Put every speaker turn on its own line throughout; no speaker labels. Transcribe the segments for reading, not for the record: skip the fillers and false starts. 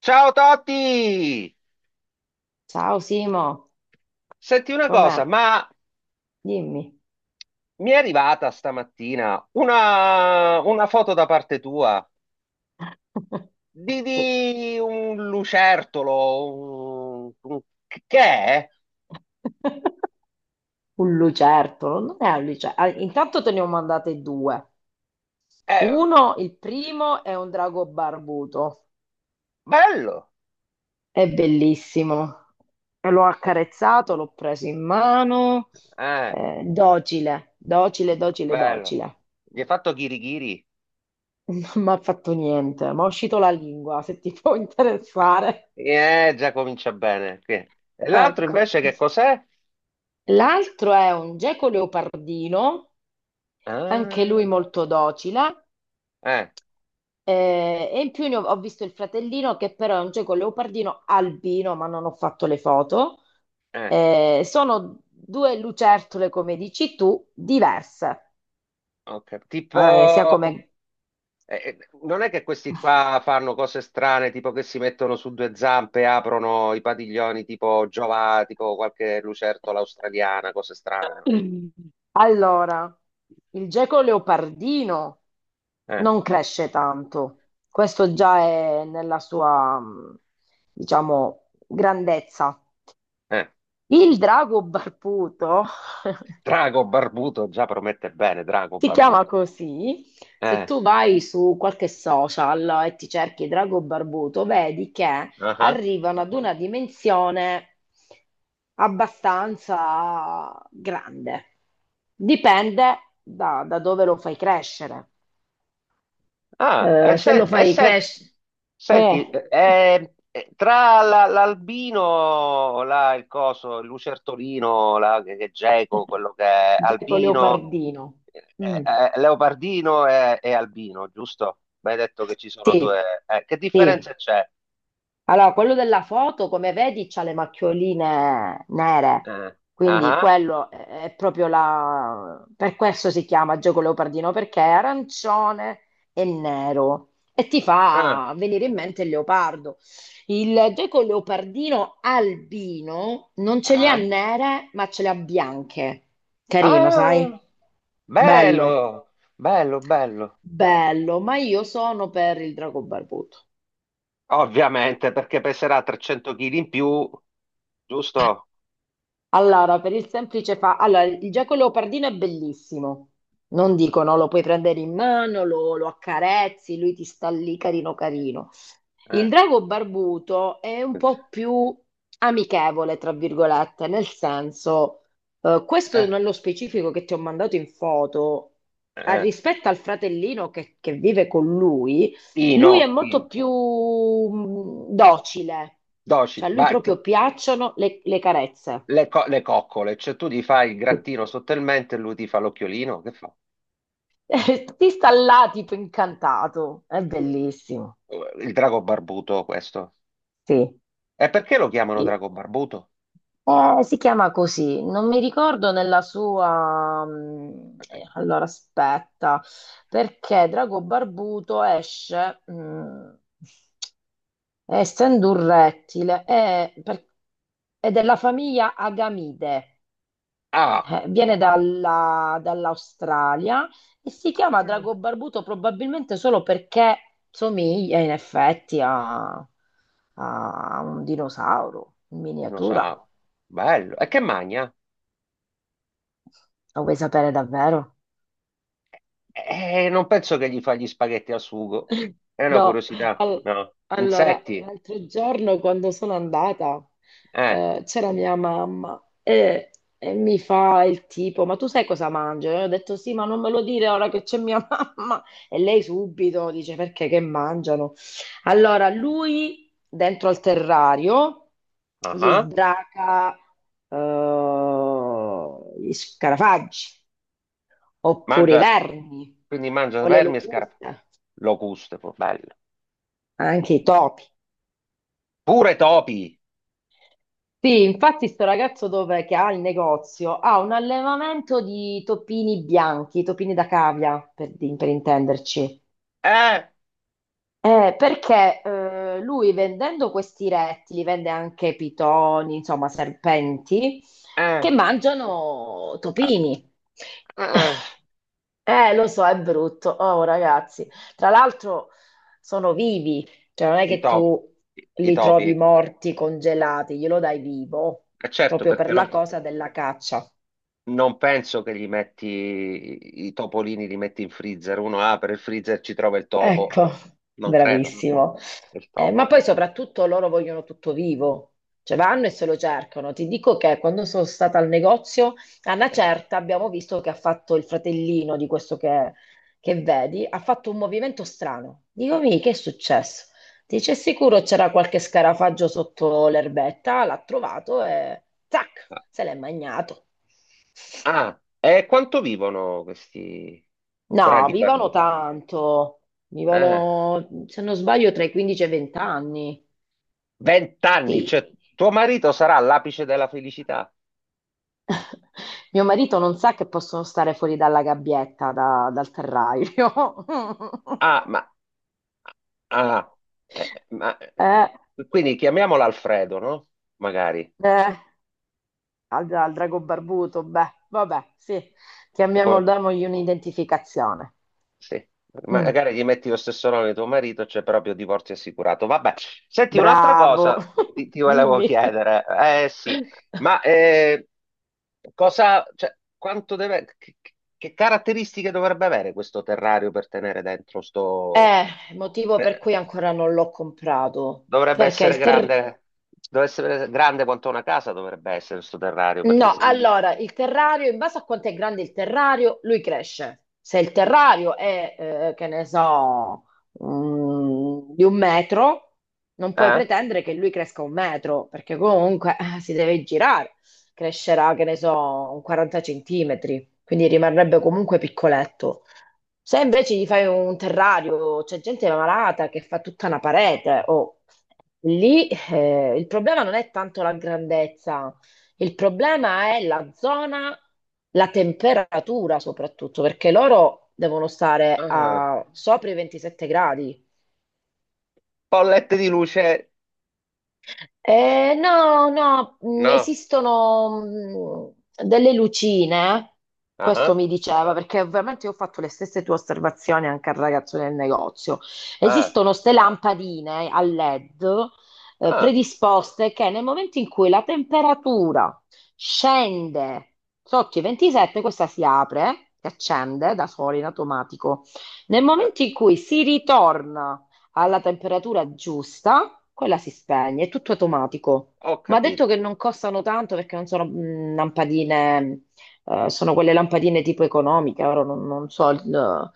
Ciao Totti!
Ciao Simo,
Senti una
com'è?
cosa, ma
Dimmi.
mi è arrivata stamattina una foto da parte tua di,
Sì.
di un lucertolo, che è?
Un lucertolo, non è un lucertolo. Intanto te ne ho mandate due.
Eh,
Uno, il primo, è un drago barbuto.
bello,
È bellissimo. E l'ho accarezzato, l'ho preso in mano.
eh,
Docile, docile, docile,
bello.
docile.
Gli hai fatto ghirigiri?
Non mi ha fatto niente, mi è uscito la lingua, se ti può interessare.
Già comincia bene. E l'altro
Ecco.
invece che cos'è?
L'altro è un geco leopardino. Anche lui
Ah,
molto docile.
eh,
E in più ho visto il fratellino che però è un geco leopardino albino, ma non ho fatto le foto.
eh,
Sono due lucertole, come dici tu, diverse,
ok.
sia
Tipo...
come...
Non è che questi qua fanno cose strane, tipo che si mettono su due zampe, aprono i padiglioni tipo Giova, tipo qualche lucertola australiana, cose strane, no?
Allora, il geco leopardino
Eh,
non cresce tanto, questo già è nella sua, diciamo, grandezza.
eh.
Il drago barbuto.
Drago barbuto già promette bene, drago
Si chiama
barbuto.
così. Se
Eh.
tu vai su qualche social e ti cerchi Drago Barbuto, vedi che
Ah, ah.
arrivano ad una dimensione abbastanza grande. Dipende da dove lo fai crescere.
Ah, e,
Se lo fai crescere... Eh,
senti, l'albino, là, il coso, il lucertolino, là, che è geco, quello che è
Geco
albino,
Leopardino.
eh, eh,
Mm.
leopardino e albino, giusto? Mi hai detto che ci sono due.
Sì,
Eh, che
sì.
differenza c'è?
Allora, quello della foto, come vedi, c'ha le macchioline nere,
Eh,
quindi
ah,
quello è proprio la... Per questo si chiama gioco leopardino, perché è arancione e nero e ti
ah,
fa venire in mente il leopardo. Il gioco leopardino albino non
ah,
ce le ha
ah,
nere, ma ce le ha bianche. Carino, sai?
ah,
Bello,
bello, bello, bello.
bello, ma io sono per il drago barbuto.
Ovviamente, perché peserà 300 kg in più, giusto?
Allora, per il semplice fa... Allora, il gecko leopardino è bellissimo. Non dico, no, lo puoi prendere in mano, lo accarezzi, lui ti sta lì carino carino. Il
Eh.
drago barbuto è un
Eh,
po' più amichevole, tra virgolette, nel senso, questo nello specifico che ti ho mandato in foto,
eh.
rispetto al fratellino che vive con lui,
Pino,
lui è
Pino.
molto più docile,
Docile,
cioè a lui proprio piacciono le carezze.
le coccole, cioè tu gli fai il grattino sottotalmente e lui ti fa l'occhiolino, che fa?
Ti sta là tipo incantato, è bellissimo,
Il drago barbuto questo.
sì.
E perché lo chiamano
E-
drago barbuto?
si chiama così, non mi ricordo nella sua...
Eh,
Allora aspetta, perché Drago Barbuto esce, essendo un rettile, è della famiglia Agamide.
Ah,
Viene dall'Australia e si chiama
mm,
drago barbuto probabilmente solo perché somiglia in effetti a, a un dinosauro in miniatura.
dinosauro, bello. E che magna?
Lo vuoi sapere davvero?
Non penso che gli fa gli spaghetti al sugo. È una
No,
curiosità,
al-
no?
allora,
Insetti?
l'altro giorno quando sono andata
Eh,
c'era mia mamma e mi fa il tipo, ma tu sai cosa mangio? E ho detto sì, ma non me lo dire ora che c'è mia mamma. E lei subito dice perché che mangiano? Allora, lui dentro al terrario
ah,
gli
ah.
sbraca gli scarafaggi oppure i
Mangia,
vermi
quindi mangia
o le
vermi e scarpe.
locuste,
Locuste, poi, bello.
anche i topi.
Pure topi!
Sì, infatti sto ragazzo che ha il negozio ha un allevamento di topini bianchi, topini da cavia, per intenderci.
Eh,
Perché lui vendendo questi rettili, vende anche pitoni, insomma serpenti, che
eh,
mangiano
eh,
topini.
eh, eh.
Lo so, è brutto. Oh, ragazzi. Tra l'altro sono vivi, cioè non è
I
che
topi,
tu
i
li
topi.
trovi morti, congelati, glielo dai vivo,
Certo,
proprio
perché
per
non,
la cosa della caccia.
non penso che gli metti i topolini, li metti in freezer. Uno apre il freezer, ci trova il topo.
Ecco,
Non credo, no?
bravissimo.
Il
Ma poi
topo.
soprattutto loro vogliono tutto vivo, cioè vanno e se lo cercano. Ti dico che quando sono stata al negozio, a una
Eh,
certa abbiamo visto che ha fatto il fratellino di che vedi, ha fatto un movimento strano. Dico, mi, che è successo? Dice, sicuro c'era qualche scarafaggio sotto l'erbetta, l'ha trovato e zac,
Ah,
se l'è magnato.
ah, e quanto vivono questi
No,
draghi
vivono
barbuti?
tanto,
Eh,
vivono, se non sbaglio, tra i 15 e i 20 anni.
vent'anni,
Sì.
cioè tuo marito sarà all'apice della felicità.
Mio marito non sa che possono stare fuori dalla gabbietta, dal terrario.
Ah, ma ah, ma,
Eh,
quindi chiamiamola Alfredo, no? Magari.
eh, al drago barbuto, beh, vabbè, sì,
È
chiamiamolo,
come-
damogli un'identificazione.
sì.
Mm,
Magari gli metti lo stesso nome di tuo marito, c'è proprio divorzio assicurato. Vabbè, senti, un'altra
bravo,
cosa ti volevo
dimmi.
chiedere. Eh sì, ma cosa, cioè, quanto deve, che caratteristiche dovrebbe avere questo terrario per tenere dentro sto...
Eh, Motivo per
Eh,
cui ancora non l'ho comprato,
dovrebbe
perché
essere
il terrario...
grande, dovrebbe essere grande quanto una casa dovrebbe essere sto terrario, perché
No,
se mi...
allora il terrario, in base a quanto è grande il terrario, lui cresce. Se il terrario è, che ne so, di un metro, non puoi
Eh?
pretendere che lui cresca un metro, perché comunque si deve girare. Crescerà, che ne so, un 40 centimetri, quindi rimarrebbe comunque piccoletto. Se invece gli fai un terrario, c'è gente malata che fa tutta una parete, o lì il problema non è tanto la grandezza, il problema è la zona, la temperatura soprattutto, perché loro devono stare
Ah,
a sopra i 27 gradi.
bollette di luce?
No, no,
No.
esistono delle lucine, questo
Ah,
mi diceva, perché ovviamente io ho fatto le stesse tue osservazioni anche al ragazzo del negozio.
ah,
Esistono ste lampadine a LED,
ah,
predisposte che nel momento in cui la temperatura scende sotto i 27, questa si apre, si accende da sola in automatico. Nel
ah,
momento in cui si ritorna alla temperatura giusta, quella si spegne, è tutto automatico.
ho
Ma ha detto
capito.
che non costano tanto perché non sono lampadine, sono quelle lampadine tipo economiche, ora non so. il-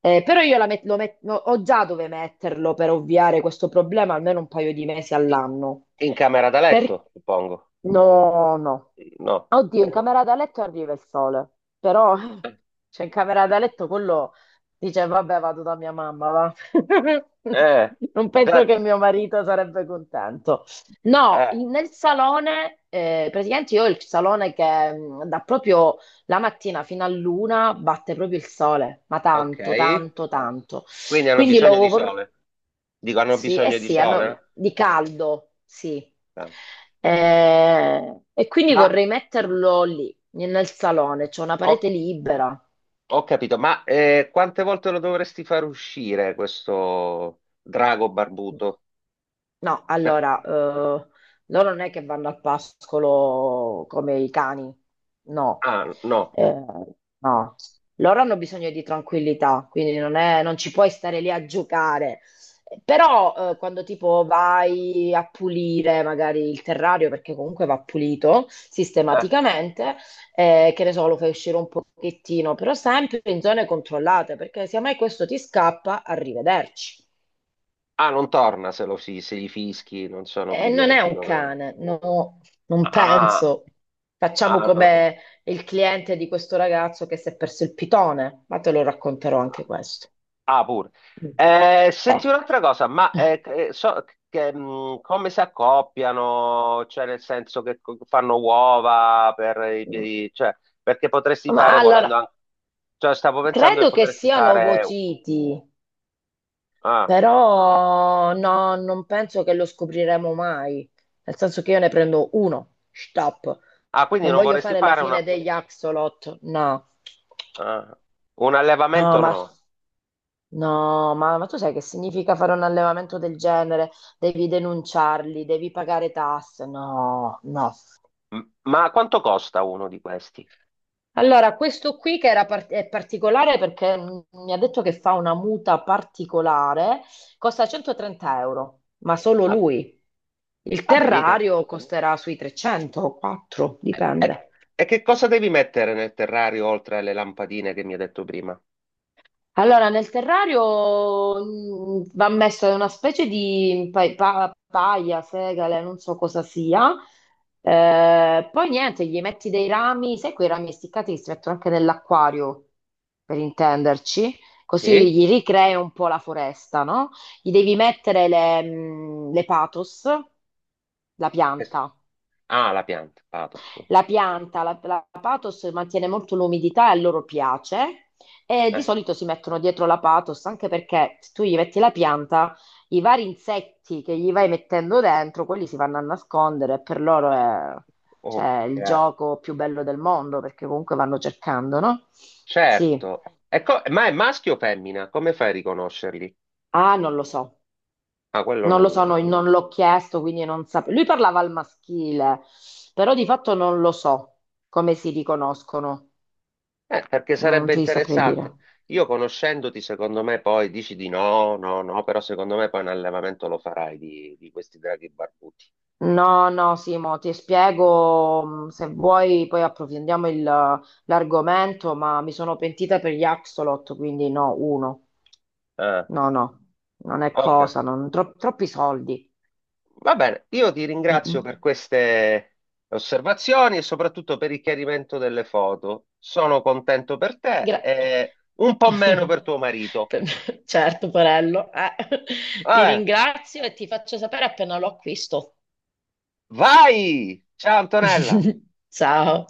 eh, eh, Però io la met- lo met- no, ho già dove metterlo per ovviare questo problema almeno un paio di mesi
I-
all'anno.
In camera da
Per-
letto, suppongo.
No, no.
No.
Oddio, in
Eh,
camera da letto arriva il sole, però cioè in camera da letto quello dice vabbè vado da mia mamma, va.
eh,
Non penso
da-
che mio marito sarebbe contento. No,
eh,
nel salone, praticamente io ho il salone che da proprio la mattina fino all'una batte proprio il sole, ma tanto,
ok.
tanto, tanto.
Quindi hanno
Quindi lo,
bisogno di
vor-
sole. Dico, hanno
sì, eh
bisogno di
sì, hanno
sole,
di caldo, sì.
no?
E quindi
Ma
vorrei metterlo lì, nel salone, c'è una
ho,
parete libera.
ho capito, ma quante volte lo dovresti far uscire questo drago barbuto?
No, allora, loro non è che vanno al pascolo come i cani, no.
Ah, no.
Eh, no, loro hanno bisogno di tranquillità, quindi non ci puoi stare lì a giocare. Però, quando tipo vai a pulire magari il terrario, perché comunque va pulito
Eh.
sistematicamente, che ne so, lo fai uscire un pochettino, però sempre in zone controllate, perché se mai questo ti scappa, arrivederci.
Ah, non torna se, se gli fischi non sono
Non è
obbedienti
un
come...
cane, no, non
Ah,
penso. Facciamo
ah, oh.
come il cliente di questo ragazzo che si è perso il pitone, ma te lo racconterò anche
Ah,
questo.
ah, pure.
Mm. Eh.
Senti un'altra cosa, ma so che, come si accoppiano? Cioè, nel senso che fanno uova per i piedi, cioè, perché potresti
Ma
fare
allora,
volendo anche... Cioè, stavo pensando che
credo che
potresti
siano
fare...
ovociti,
Ah,
però no, non penso che lo scopriremo mai. Nel senso che io ne prendo uno, stop.
ah, quindi
Non
non
voglio
vorresti
fare la
fare una...
fine degli axolot, no.
Ah, un
No,
allevamento,
ma
no.
no, ma tu sai che significa fare un allevamento del genere? Devi denunciarli, devi pagare tasse. No, no.
Ma quanto costa uno di questi?
Allora, questo qui è particolare perché mi ha detto che fa una muta particolare, costa 130 euro, ma solo
Ah,
lui. Il
vabbè, mica.
terrario costerà sui 300 o 4,
E,
dipende.
e che cosa devi mettere nel terrario oltre alle lampadine che mi hai detto prima?
Allora, nel terrario va messa una specie di paia, segale, non so cosa sia. Poi niente, gli metti dei rami, sai quei rami essiccati che si mettono anche nell'acquario, per intenderci. Così
Sì?
gli ricrei un po' la foresta, no? Gli devi mettere le patos, la
Es-
pianta.
Ah, la pianta, pathos.
La pianta, la pathos mantiene molto l'umidità e a loro piace e di
Eh,
solito si mettono dietro la pathos anche perché se tu gli metti la pianta, i vari insetti che gli vai mettendo dentro, quelli si vanno a nascondere e per loro è cioè,
ok,
il gioco più bello del mondo perché comunque vanno cercando, no? Sì,
certo. E ma è maschio o femmina? Come fai a riconoscerli?
ah, non lo so,
Ah, quello
no,
non...
non l'ho chiesto, quindi non sapevo. Lui parlava al maschile, però di fatto non lo so come si riconoscono,
Perché
non
sarebbe
ti saprei dire.
interessante. Io conoscendoti, secondo me, poi dici di no, no, no, però secondo me poi un allevamento lo farai di questi draghi barbuti.
No, no, Simo, ti spiego, se vuoi poi approfondiamo l'argomento, ma mi sono pentita per gli Axolot, quindi no, uno.
Ah,
No, no, non è
ok.
cosa, troppi soldi.
Va bene, io ti
Mm,
ringrazio
mm.
per queste osservazioni e soprattutto per il chiarimento delle foto. Sono contento per te
Gra-
e un po' meno per tuo marito.
Certo, Porello, eh.
Va
Ti
bene,
ringrazio e ti faccio sapere appena lo acquisto.
vai! Ciao Antonella!
Ciao.